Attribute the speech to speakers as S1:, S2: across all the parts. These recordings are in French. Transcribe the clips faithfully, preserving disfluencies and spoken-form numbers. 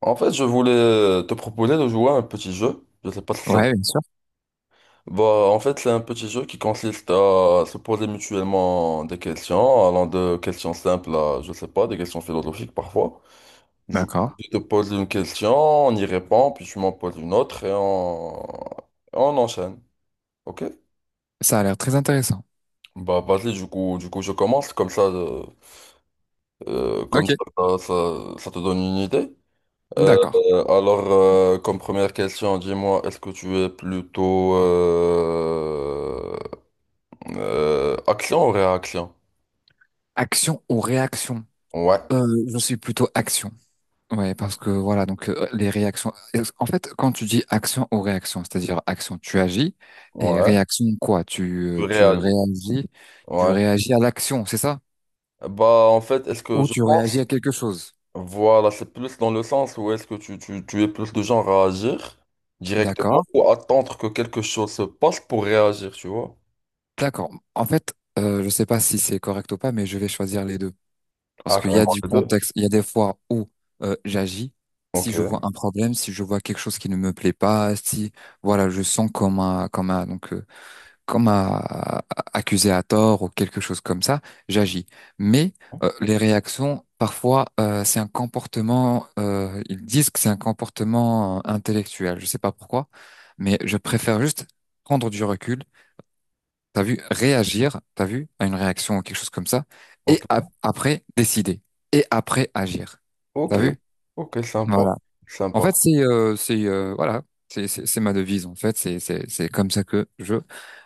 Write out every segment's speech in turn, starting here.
S1: En fait, je voulais te proposer de jouer à un petit jeu. Je sais pas si ça. te-
S2: Ouais, bien sûr.
S1: Bah, en fait, c'est un petit jeu qui consiste à se poser mutuellement des questions, allant de questions simples à, je sais pas, des questions philosophiques parfois. Du
S2: D'accord.
S1: coup, je te pose une question, on y répond, puis tu m'en poses une autre et on, on enchaîne. Ok?
S2: Ça a l'air très intéressant.
S1: Bah, vas-y, du coup, du coup, je commence comme ça, euh, euh, comme
S2: Ok,
S1: ça, ça, ça ça te donne une idée. Euh,
S2: d'accord.
S1: alors, euh, comme première question, dis-moi, est-ce que tu es plutôt euh, euh, action ou réaction?
S2: Action ou réaction?
S1: Ouais,
S2: Euh, je suis plutôt action. Ouais, parce que voilà, donc euh, les réactions. En fait, quand tu dis action ou réaction, c'est-à-dire action, tu agis et
S1: ouais.
S2: réaction quoi? Tu
S1: Tu
S2: euh, tu
S1: réagis.
S2: réagis, tu
S1: Ouais.
S2: réagis à l'action, c'est ça?
S1: Bah, en fait, est-ce que
S2: Ou
S1: je
S2: tu
S1: pense,
S2: réagis à quelque chose.
S1: voilà, c'est plus dans le sens où est-ce que tu, tu, tu es plus de genre à agir directement
S2: D'accord,
S1: ou attendre que quelque chose se passe pour réagir, tu vois?
S2: d'accord. En fait, euh, je sais pas si c'est correct ou pas, mais je vais choisir les deux. Parce
S1: Ah,
S2: qu'il y a
S1: carrément
S2: du
S1: les deux.
S2: contexte, il y a des fois où euh, j'agis,
S1: Ok,
S2: si je vois un problème, si je vois quelque chose qui ne me plaît pas, si voilà, je sens comme un, comme un, donc euh, comme un accusé à tort ou quelque chose comme ça, j'agis. Mais euh, les réactions, parfois, euh, c'est un comportement. Euh, ils disent que c'est un comportement euh, intellectuel. Je sais pas pourquoi, mais je préfère juste prendre du recul, t'as vu, réagir, t'as vu, à une réaction ou quelque chose comme ça, et
S1: ok,
S2: ap- après, décider, et après, agir.
S1: ok,
S2: T'as vu?
S1: ok, sympa,
S2: Voilà. En fait,
S1: sympa.
S2: c'est, euh, c'est, euh, voilà, c'est, c'est c'est ma devise, en fait, c'est, c'est, c'est comme ça que je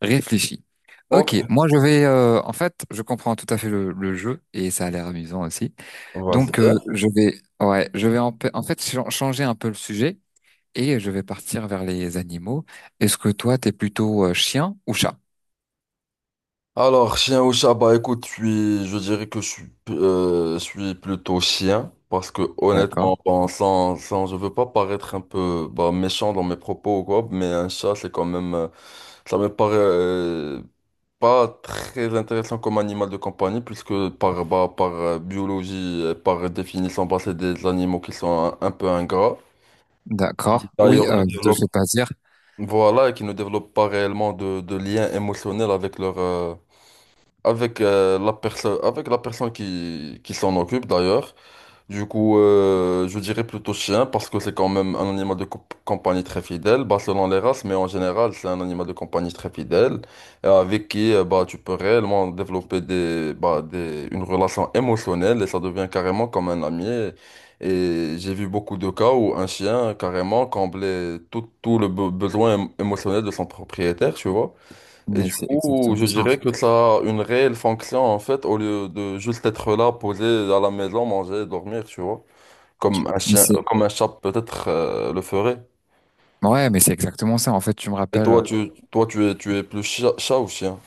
S2: réfléchis.
S1: Ok,
S2: Ok, moi je vais, euh, en fait, je comprends tout à fait le, le jeu, et ça a l'air amusant aussi. Donc, euh,
S1: vas-y.
S2: je vais, ouais, je vais en, pa- en fait chan- changer un peu le sujet, et je vais partir vers les animaux. Est-ce que toi, t'es plutôt euh, chien ou chat?
S1: Alors, chien ou chat, bah écoute, je suis, je dirais que je suis, euh, je suis plutôt chien, parce que
S2: D'accord.
S1: honnêtement, bon, sans, sans, je veux pas paraître un peu bah, méchant dans mes propos ou quoi, mais un chat, c'est quand même, euh, ça me paraît euh, pas très intéressant comme animal de compagnie, puisque par, bah, par euh, biologie, et par définition, bah, c'est des animaux qui sont un, un peu ingrats. Ils,
S2: D'accord. Oui,
S1: D'ailleurs, ne
S2: euh, je te le
S1: développent,
S2: fais pas dire,
S1: voilà, et qui ne développent pas réellement de, de lien émotionnel avec leur, euh, avec euh, la personne avec la personne qui, qui s'en occupe d'ailleurs. Du coup, euh, je dirais plutôt chien parce que c'est quand même un animal de comp- compagnie très fidèle, bah, selon les races, mais en général, c'est un animal de compagnie très fidèle et avec qui euh, bah, tu peux réellement développer des, bah, des, une relation émotionnelle et ça devient carrément comme un ami. Et et j'ai vu beaucoup de cas où un chien carrément comblait tout, tout le be- besoin émo- émotionnel de son propriétaire, tu vois. Et
S2: mais
S1: du
S2: c'est
S1: coup,
S2: exactement
S1: je
S2: ça, en
S1: dirais que
S2: fait.
S1: ça a une réelle fonction en fait, au lieu de juste être là, posé à la maison, manger, dormir, tu vois, comme un
S2: Mais
S1: chien,
S2: c'est,
S1: euh, comme un chat peut-être euh, le ferait.
S2: ouais, mais c'est exactement ça. En fait, tu me
S1: Et
S2: rappelles,
S1: toi,
S2: euh,
S1: tu, toi, tu es, tu es plus chat, chat ou chien?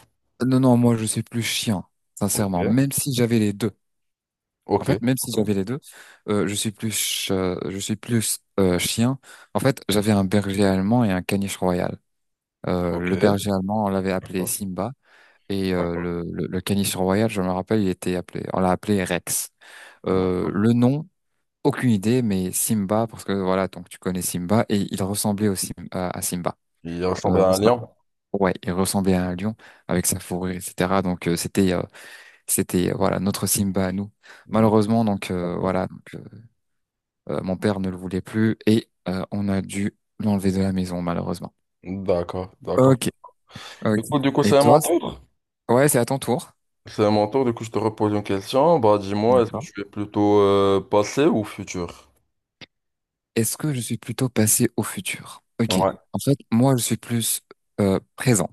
S2: non, non, moi, je suis plus chien, sincèrement.
S1: Ok,
S2: Même si j'avais les deux. En
S1: Ok,
S2: fait, même si
S1: ok,
S2: j'avais les deux, euh, je suis plus, ch- euh, je suis plus euh, chien. En fait, j'avais un berger allemand et un caniche royal. Euh,
S1: ok.
S2: le
S1: D'accord,
S2: berger allemand, on l'avait appelé Simba, et euh,
S1: d'accord,
S2: le, le, le caniche royal, je me rappelle, il était appelé, on l'a appelé Rex. Euh,
S1: d'accord.
S2: le nom, aucune idée, mais Simba, parce que voilà, donc tu connais Simba, et il ressemblait au Sim- à à Simba.
S1: Il
S2: Euh,
S1: ressemble à un lion.
S2: ouais, il ressemblait à un lion avec sa fourrure, et cetera. Donc euh, c'était, euh, c'était euh, voilà notre Simba à nous.
S1: Je
S2: Malheureusement, donc euh, voilà, donc, euh, euh, mon père ne le voulait plus et euh, on a dû l'enlever de la maison, malheureusement.
S1: D'accord, d'accord.
S2: Ok, ok.
S1: Du coup, du coup,
S2: Et
S1: c'est à mon
S2: toi? c-
S1: tour.
S2: Ouais, c'est à ton tour.
S1: C'est à mon tour. Du coup, je te repose une question. Bah, dis-moi, est-ce que
S2: D'accord.
S1: tu es plutôt euh, passé ou futur?
S2: Est-ce que je suis plutôt passé au futur? Ok.
S1: Ouais.
S2: En fait, moi, je suis plus euh, présent.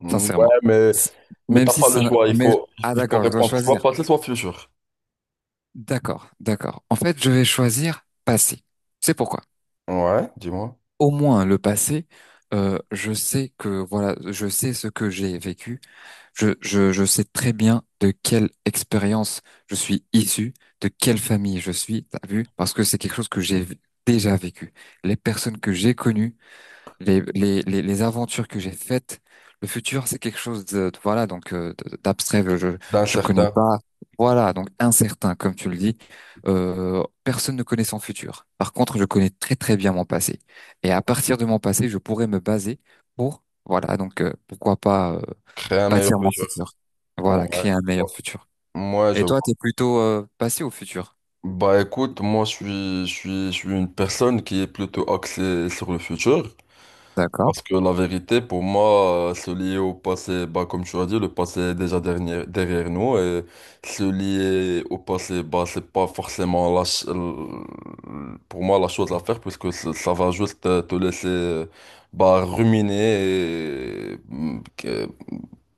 S1: Mm, Ouais,
S2: Sincèrement.
S1: mais Mais
S2: Même
S1: t'as
S2: si
S1: pas le
S2: ça... n'a-
S1: choix, il
S2: Mais...
S1: faut,
S2: Ah
S1: il faut
S2: d'accord, je dois
S1: répondre soit
S2: choisir.
S1: passé, soit futur.
S2: D'accord, d'accord. En fait, je vais choisir passé. C'est pourquoi.
S1: Ouais, dis-moi.
S2: Au moins le passé, euh, je sais que voilà, je sais ce que j'ai vécu. Je, je, je sais très bien de quelle expérience je suis issu, de quelle famille je suis. T'as vu? Parce que c'est quelque chose que j'ai v- déjà vécu. Les personnes que j'ai connues, les, les, les, les aventures que j'ai faites. Le futur, c'est quelque chose de, de- voilà, donc euh, de- d'abstrait. Je
S1: D'un
S2: je connais
S1: certain,
S2: pas. Voilà, donc incertain, comme tu le dis. Euh, personne ne connaît son futur. Par contre, je connais très très bien mon passé. Et à partir de mon passé, je pourrais me baser pour, voilà, donc euh, pourquoi pas euh,
S1: créer un meilleur
S2: bâtir mon
S1: futur.
S2: futur. Voilà,
S1: Ouais.
S2: créer un meilleur futur.
S1: Moi, je
S2: Et toi, t'es
S1: vois.
S2: plutôt euh, passé au futur?
S1: Bah écoute, moi je suis, je suis, je suis une personne qui est plutôt axée sur le futur.
S2: D'accord.
S1: Parce que la vérité, pour moi, euh, se lier au passé, bah, comme tu as dit, le passé est déjà dernier- derrière nous. Et se lier au passé, bah, c'est pas forcément la ch- l- pour moi la chose à faire, puisque ça ça va juste euh, te laisser euh, bah, ruminer et mm, que-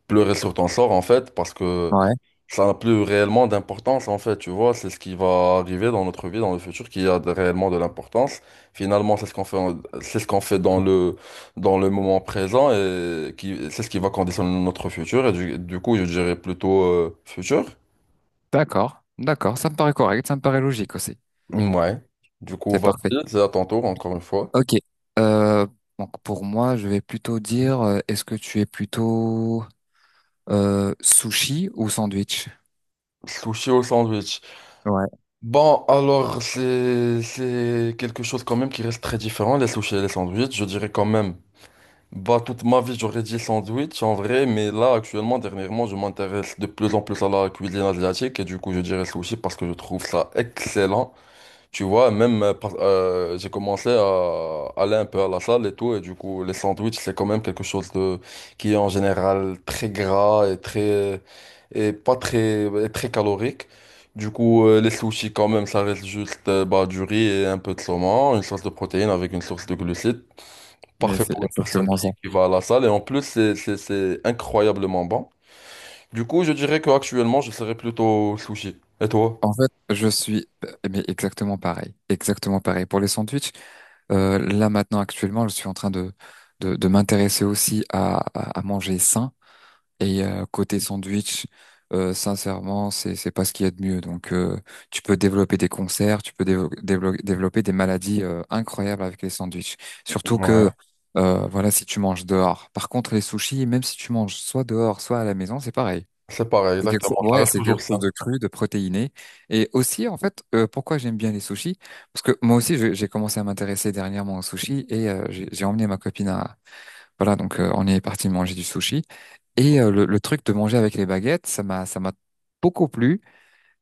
S1: pleurer sur ton sort, en fait, parce que
S2: Ouais.
S1: ça n'a plus réellement d'importance en fait, tu vois, c'est ce qui va arriver dans notre vie, dans le futur, qui a de- réellement de l'importance. Finalement, c'est ce qu'on fait, en- c'est ce qu'on fait dans le, dans le moment présent et qui, c'est ce qui va conditionner notre futur. Et du, du coup, je dirais plutôt euh, futur.
S2: D'accord. D'accord. Ça me paraît correct. Ça me paraît logique aussi.
S1: Ouais. Du coup,
S2: C'est
S1: vas-y,
S2: parfait.
S1: c'est à ton tour, encore une fois.
S2: Ok. Euh, donc pour moi, je vais plutôt dire, euh, est-ce que tu es plutôt euh, sushi ou sandwich?
S1: Sushi au sandwich.
S2: Ouais,
S1: Bon, alors, c'est, c'est quelque chose quand même qui reste très différent, les sushis et les sandwichs. Je dirais quand même. Bah, toute ma vie, j'aurais dit sandwich en vrai, mais là, actuellement, dernièrement, je m'intéresse de plus en plus à la cuisine asiatique et du coup, je dirais sushi parce que je trouve ça excellent. Tu vois, même euh, par- euh, j'ai commencé à aller un peu à la salle et tout, et du coup, les sandwichs, c'est quand même quelque chose de qui est en général très gras et très et pas très et très calorique. Du coup, euh, les sushis, quand même, ça reste juste euh, bah, du riz et un peu de saumon, une source de protéines avec une source de glucides.
S2: mais
S1: Parfait
S2: c'est
S1: pour une personne
S2: exactement ça.
S1: qui, qui va à la salle. Et en plus, c'est, c'est, c'est incroyablement bon. Du coup, je dirais qu'actuellement, je serais plutôt sushi. Et toi?
S2: En fait, je suis mais exactement pareil, exactement pareil. Pour les sandwichs, euh, là maintenant actuellement, je suis en train de de, de m'intéresser aussi à, à, à manger sain. Et euh, côté sandwich, euh, sincèrement, c'est c'est pas ce qu'il y a de mieux. Donc, euh, tu peux développer des concerts, tu peux dévo- dévelop- développer des maladies euh, incroyables avec les sandwichs. Surtout
S1: Ouais.
S2: que, euh, voilà, si tu manges dehors. Par contre, les sushis, même si tu manges soit dehors, soit à la maison, c'est pareil.
S1: C'est pareil,
S2: C'est quelque chose,
S1: exactement. Ça
S2: ouais,
S1: reste
S2: c'est
S1: toujours
S2: quelque chose
S1: ça.
S2: de cru, de protéiné. Et aussi, en fait, euh, pourquoi j'aime bien les sushis? Parce que moi aussi, je- j'ai commencé à m'intéresser dernièrement aux sushis et euh, j'ai j'ai emmené ma copine à, voilà, donc euh, on est parti manger du sushi. Et euh, le, le truc de manger avec les baguettes, ça m'a ça m'a beaucoup plu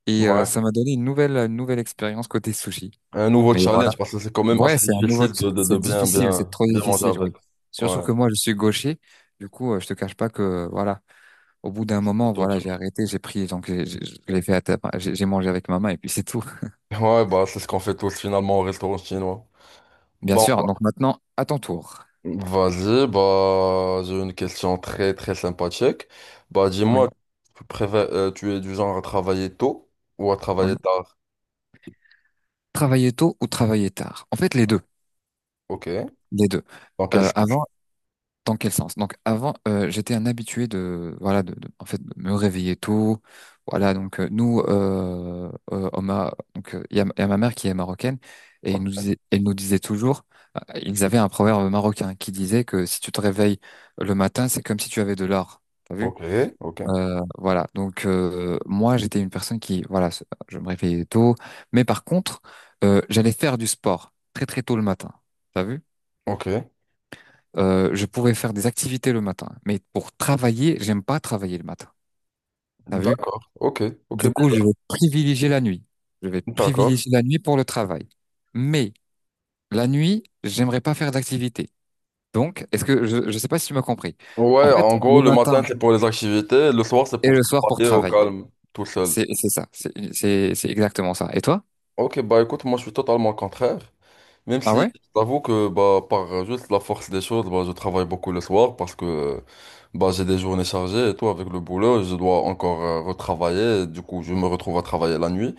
S2: et euh,
S1: Ouais.
S2: ça m'a donné une nouvelle une nouvelle expérience côté sushi.
S1: Un nouveau
S2: Mais voilà.
S1: challenge parce que c'est quand même
S2: Ouais,
S1: assez
S2: c'est un nouveau
S1: difficile
S2: t-
S1: de, de, de
S2: c'est
S1: bien,
S2: difficile, c'est
S1: bien,
S2: trop
S1: bien manger
S2: difficile, oui.
S1: avec.
S2: Surtout
S1: Ouais.
S2: que moi je suis gaucher. Du coup, euh, je te cache pas que euh, voilà, au bout d'un moment,
S1: Plutôt
S2: voilà,
S1: dur.
S2: j'ai arrêté, j'ai pris donc j'ai- j'ai- je l'ai fait à ta- j'ai j'ai mangé avec ma main et puis c'est tout.
S1: Ouais, bah, c'est ce qu'on fait tous finalement au restaurant chinois.
S2: Bien
S1: Bon,
S2: sûr. Donc maintenant, à ton tour.
S1: vas-y, bah, j'ai une question très, très sympathique. Bah,
S2: Oui,
S1: dis-moi, tu préfères, euh, tu es du genre à travailler tôt ou à travailler
S2: oui.
S1: tard?
S2: Travailler tôt ou travailler tard? En fait, les deux,
S1: Ok.
S2: les deux.
S1: Dans quel
S2: Euh,
S1: sens?
S2: avant Dans quel sens? Donc avant, euh, j'étais un habitué de voilà de, de- en fait de me réveiller tôt. Voilà donc euh, nous euh, euh, on m'a- donc euh, il y a, il y a ma mère qui est marocaine et il nous disait elle nous disait toujours euh, ils avaient un proverbe marocain qui disait que si tu te réveilles le matin, c'est comme si tu avais de l'or. T'as vu?
S1: Ok, ok,
S2: Euh, voilà donc euh, moi j'étais une personne qui voilà se- je me réveillais tôt, mais par contre euh, j'allais faire du sport très très tôt le matin. T'as vu?
S1: ok.
S2: Euh, je pourrais faire des activités le matin, mais pour travailler, j'aime pas travailler le matin. T'as vu?
S1: D'accord, ok, ok,
S2: Du coup, je vais privilégier la nuit. Je vais
S1: d'accord.
S2: privilégier la nuit pour le travail. Mais la nuit, j'aimerais pas faire d'activité. Donc, est-ce que je, je sais pas si tu m'as compris. En
S1: Ouais,
S2: fait,
S1: en gros,
S2: le
S1: le matin,
S2: matin
S1: c'est pour les activités, le soir, c'est
S2: et
S1: pour
S2: le soir pour
S1: travailler au
S2: travailler.
S1: calme, tout seul.
S2: C'est, c'est ça. C'est, c'est, c'est exactement ça. Et toi?
S1: Ok, bah écoute, moi, je suis totalement contraire. Même
S2: Ah
S1: si,
S2: ouais?
S1: j'avoue que, bah, par juste la force des choses, bah, je travaille beaucoup le soir parce que, bah, j'ai des journées chargées et tout, avec le boulot, je dois encore euh, retravailler. Du coup, je me retrouve à travailler la nuit.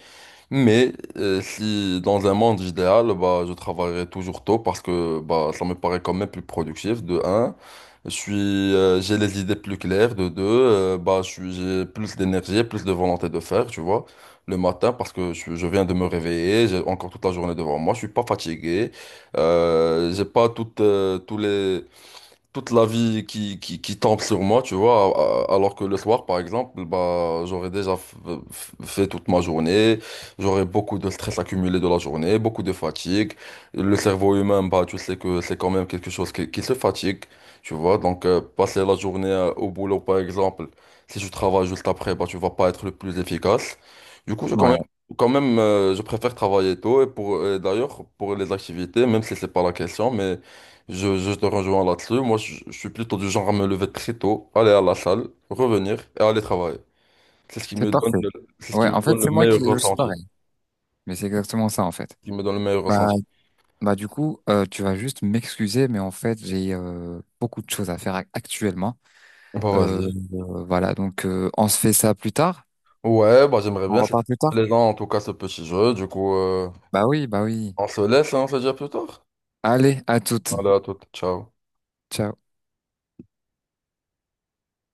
S1: Mais euh, si dans un monde idéal, bah, je travaillerai toujours tôt parce que bah, ça me paraît quand même plus productif, de un. Je suis, euh, j'ai les idées plus claires, de deux. euh, bah, je suis, j'ai plus d'énergie, plus de volonté de faire, tu vois, le matin parce que je, je viens de me réveiller, j'ai encore toute la journée devant moi, je suis pas fatigué, euh, j'ai pas toutes, euh, tous les toute la vie qui, qui, qui tombe sur moi, tu vois, a- a- alors que le soir, par exemple, bah, j'aurais déjà f- f- fait toute ma journée, j'aurais beaucoup de stress accumulé de la journée, beaucoup de fatigue. Le cerveau humain, bah, tu sais que c'est quand même quelque chose qui, qui se fatigue, tu vois, donc euh, passer la journée euh, au boulot, par exemple, si tu travailles juste après, bah, tu vas pas être le plus efficace. Du coup, je quand même...
S2: Ouais,
S1: Quand même, euh, je préfère travailler tôt et pour et d'ailleurs pour les activités, même si c'est pas la question, mais je, je te rejoins là-dessus. Moi, je, je suis plutôt du genre à me lever très tôt, aller à la salle, revenir et aller travailler. C'est ce qui
S2: c'est
S1: me donne
S2: parfait.
S1: le, c'est ce qui
S2: Ouais,
S1: me
S2: en fait,
S1: donne le
S2: c'est moi qui,
S1: meilleur
S2: je suis
S1: ressenti.
S2: pareil. Mais c'est exactement ça, en fait.
S1: Ce qui me donne le meilleur
S2: Bah,
S1: ressenti.
S2: Bah du coup, euh, tu vas juste m'excuser, mais en fait, j'ai euh, beaucoup de choses à faire ac- actuellement.
S1: Bah,
S2: Euh,
S1: vas-y.
S2: euh, voilà, donc euh, on se fait ça plus tard.
S1: Ouais, bah, j'aimerais
S2: On
S1: bien. C'était
S2: repart plus tard.
S1: plaisant, en tout cas, ce petit jeu. Du coup, euh,
S2: Bah oui, bah oui.
S1: on se laisse, hein, on se dit à plus tard.
S2: Allez, à toutes.
S1: Allez, à toute. Ciao.
S2: Ciao.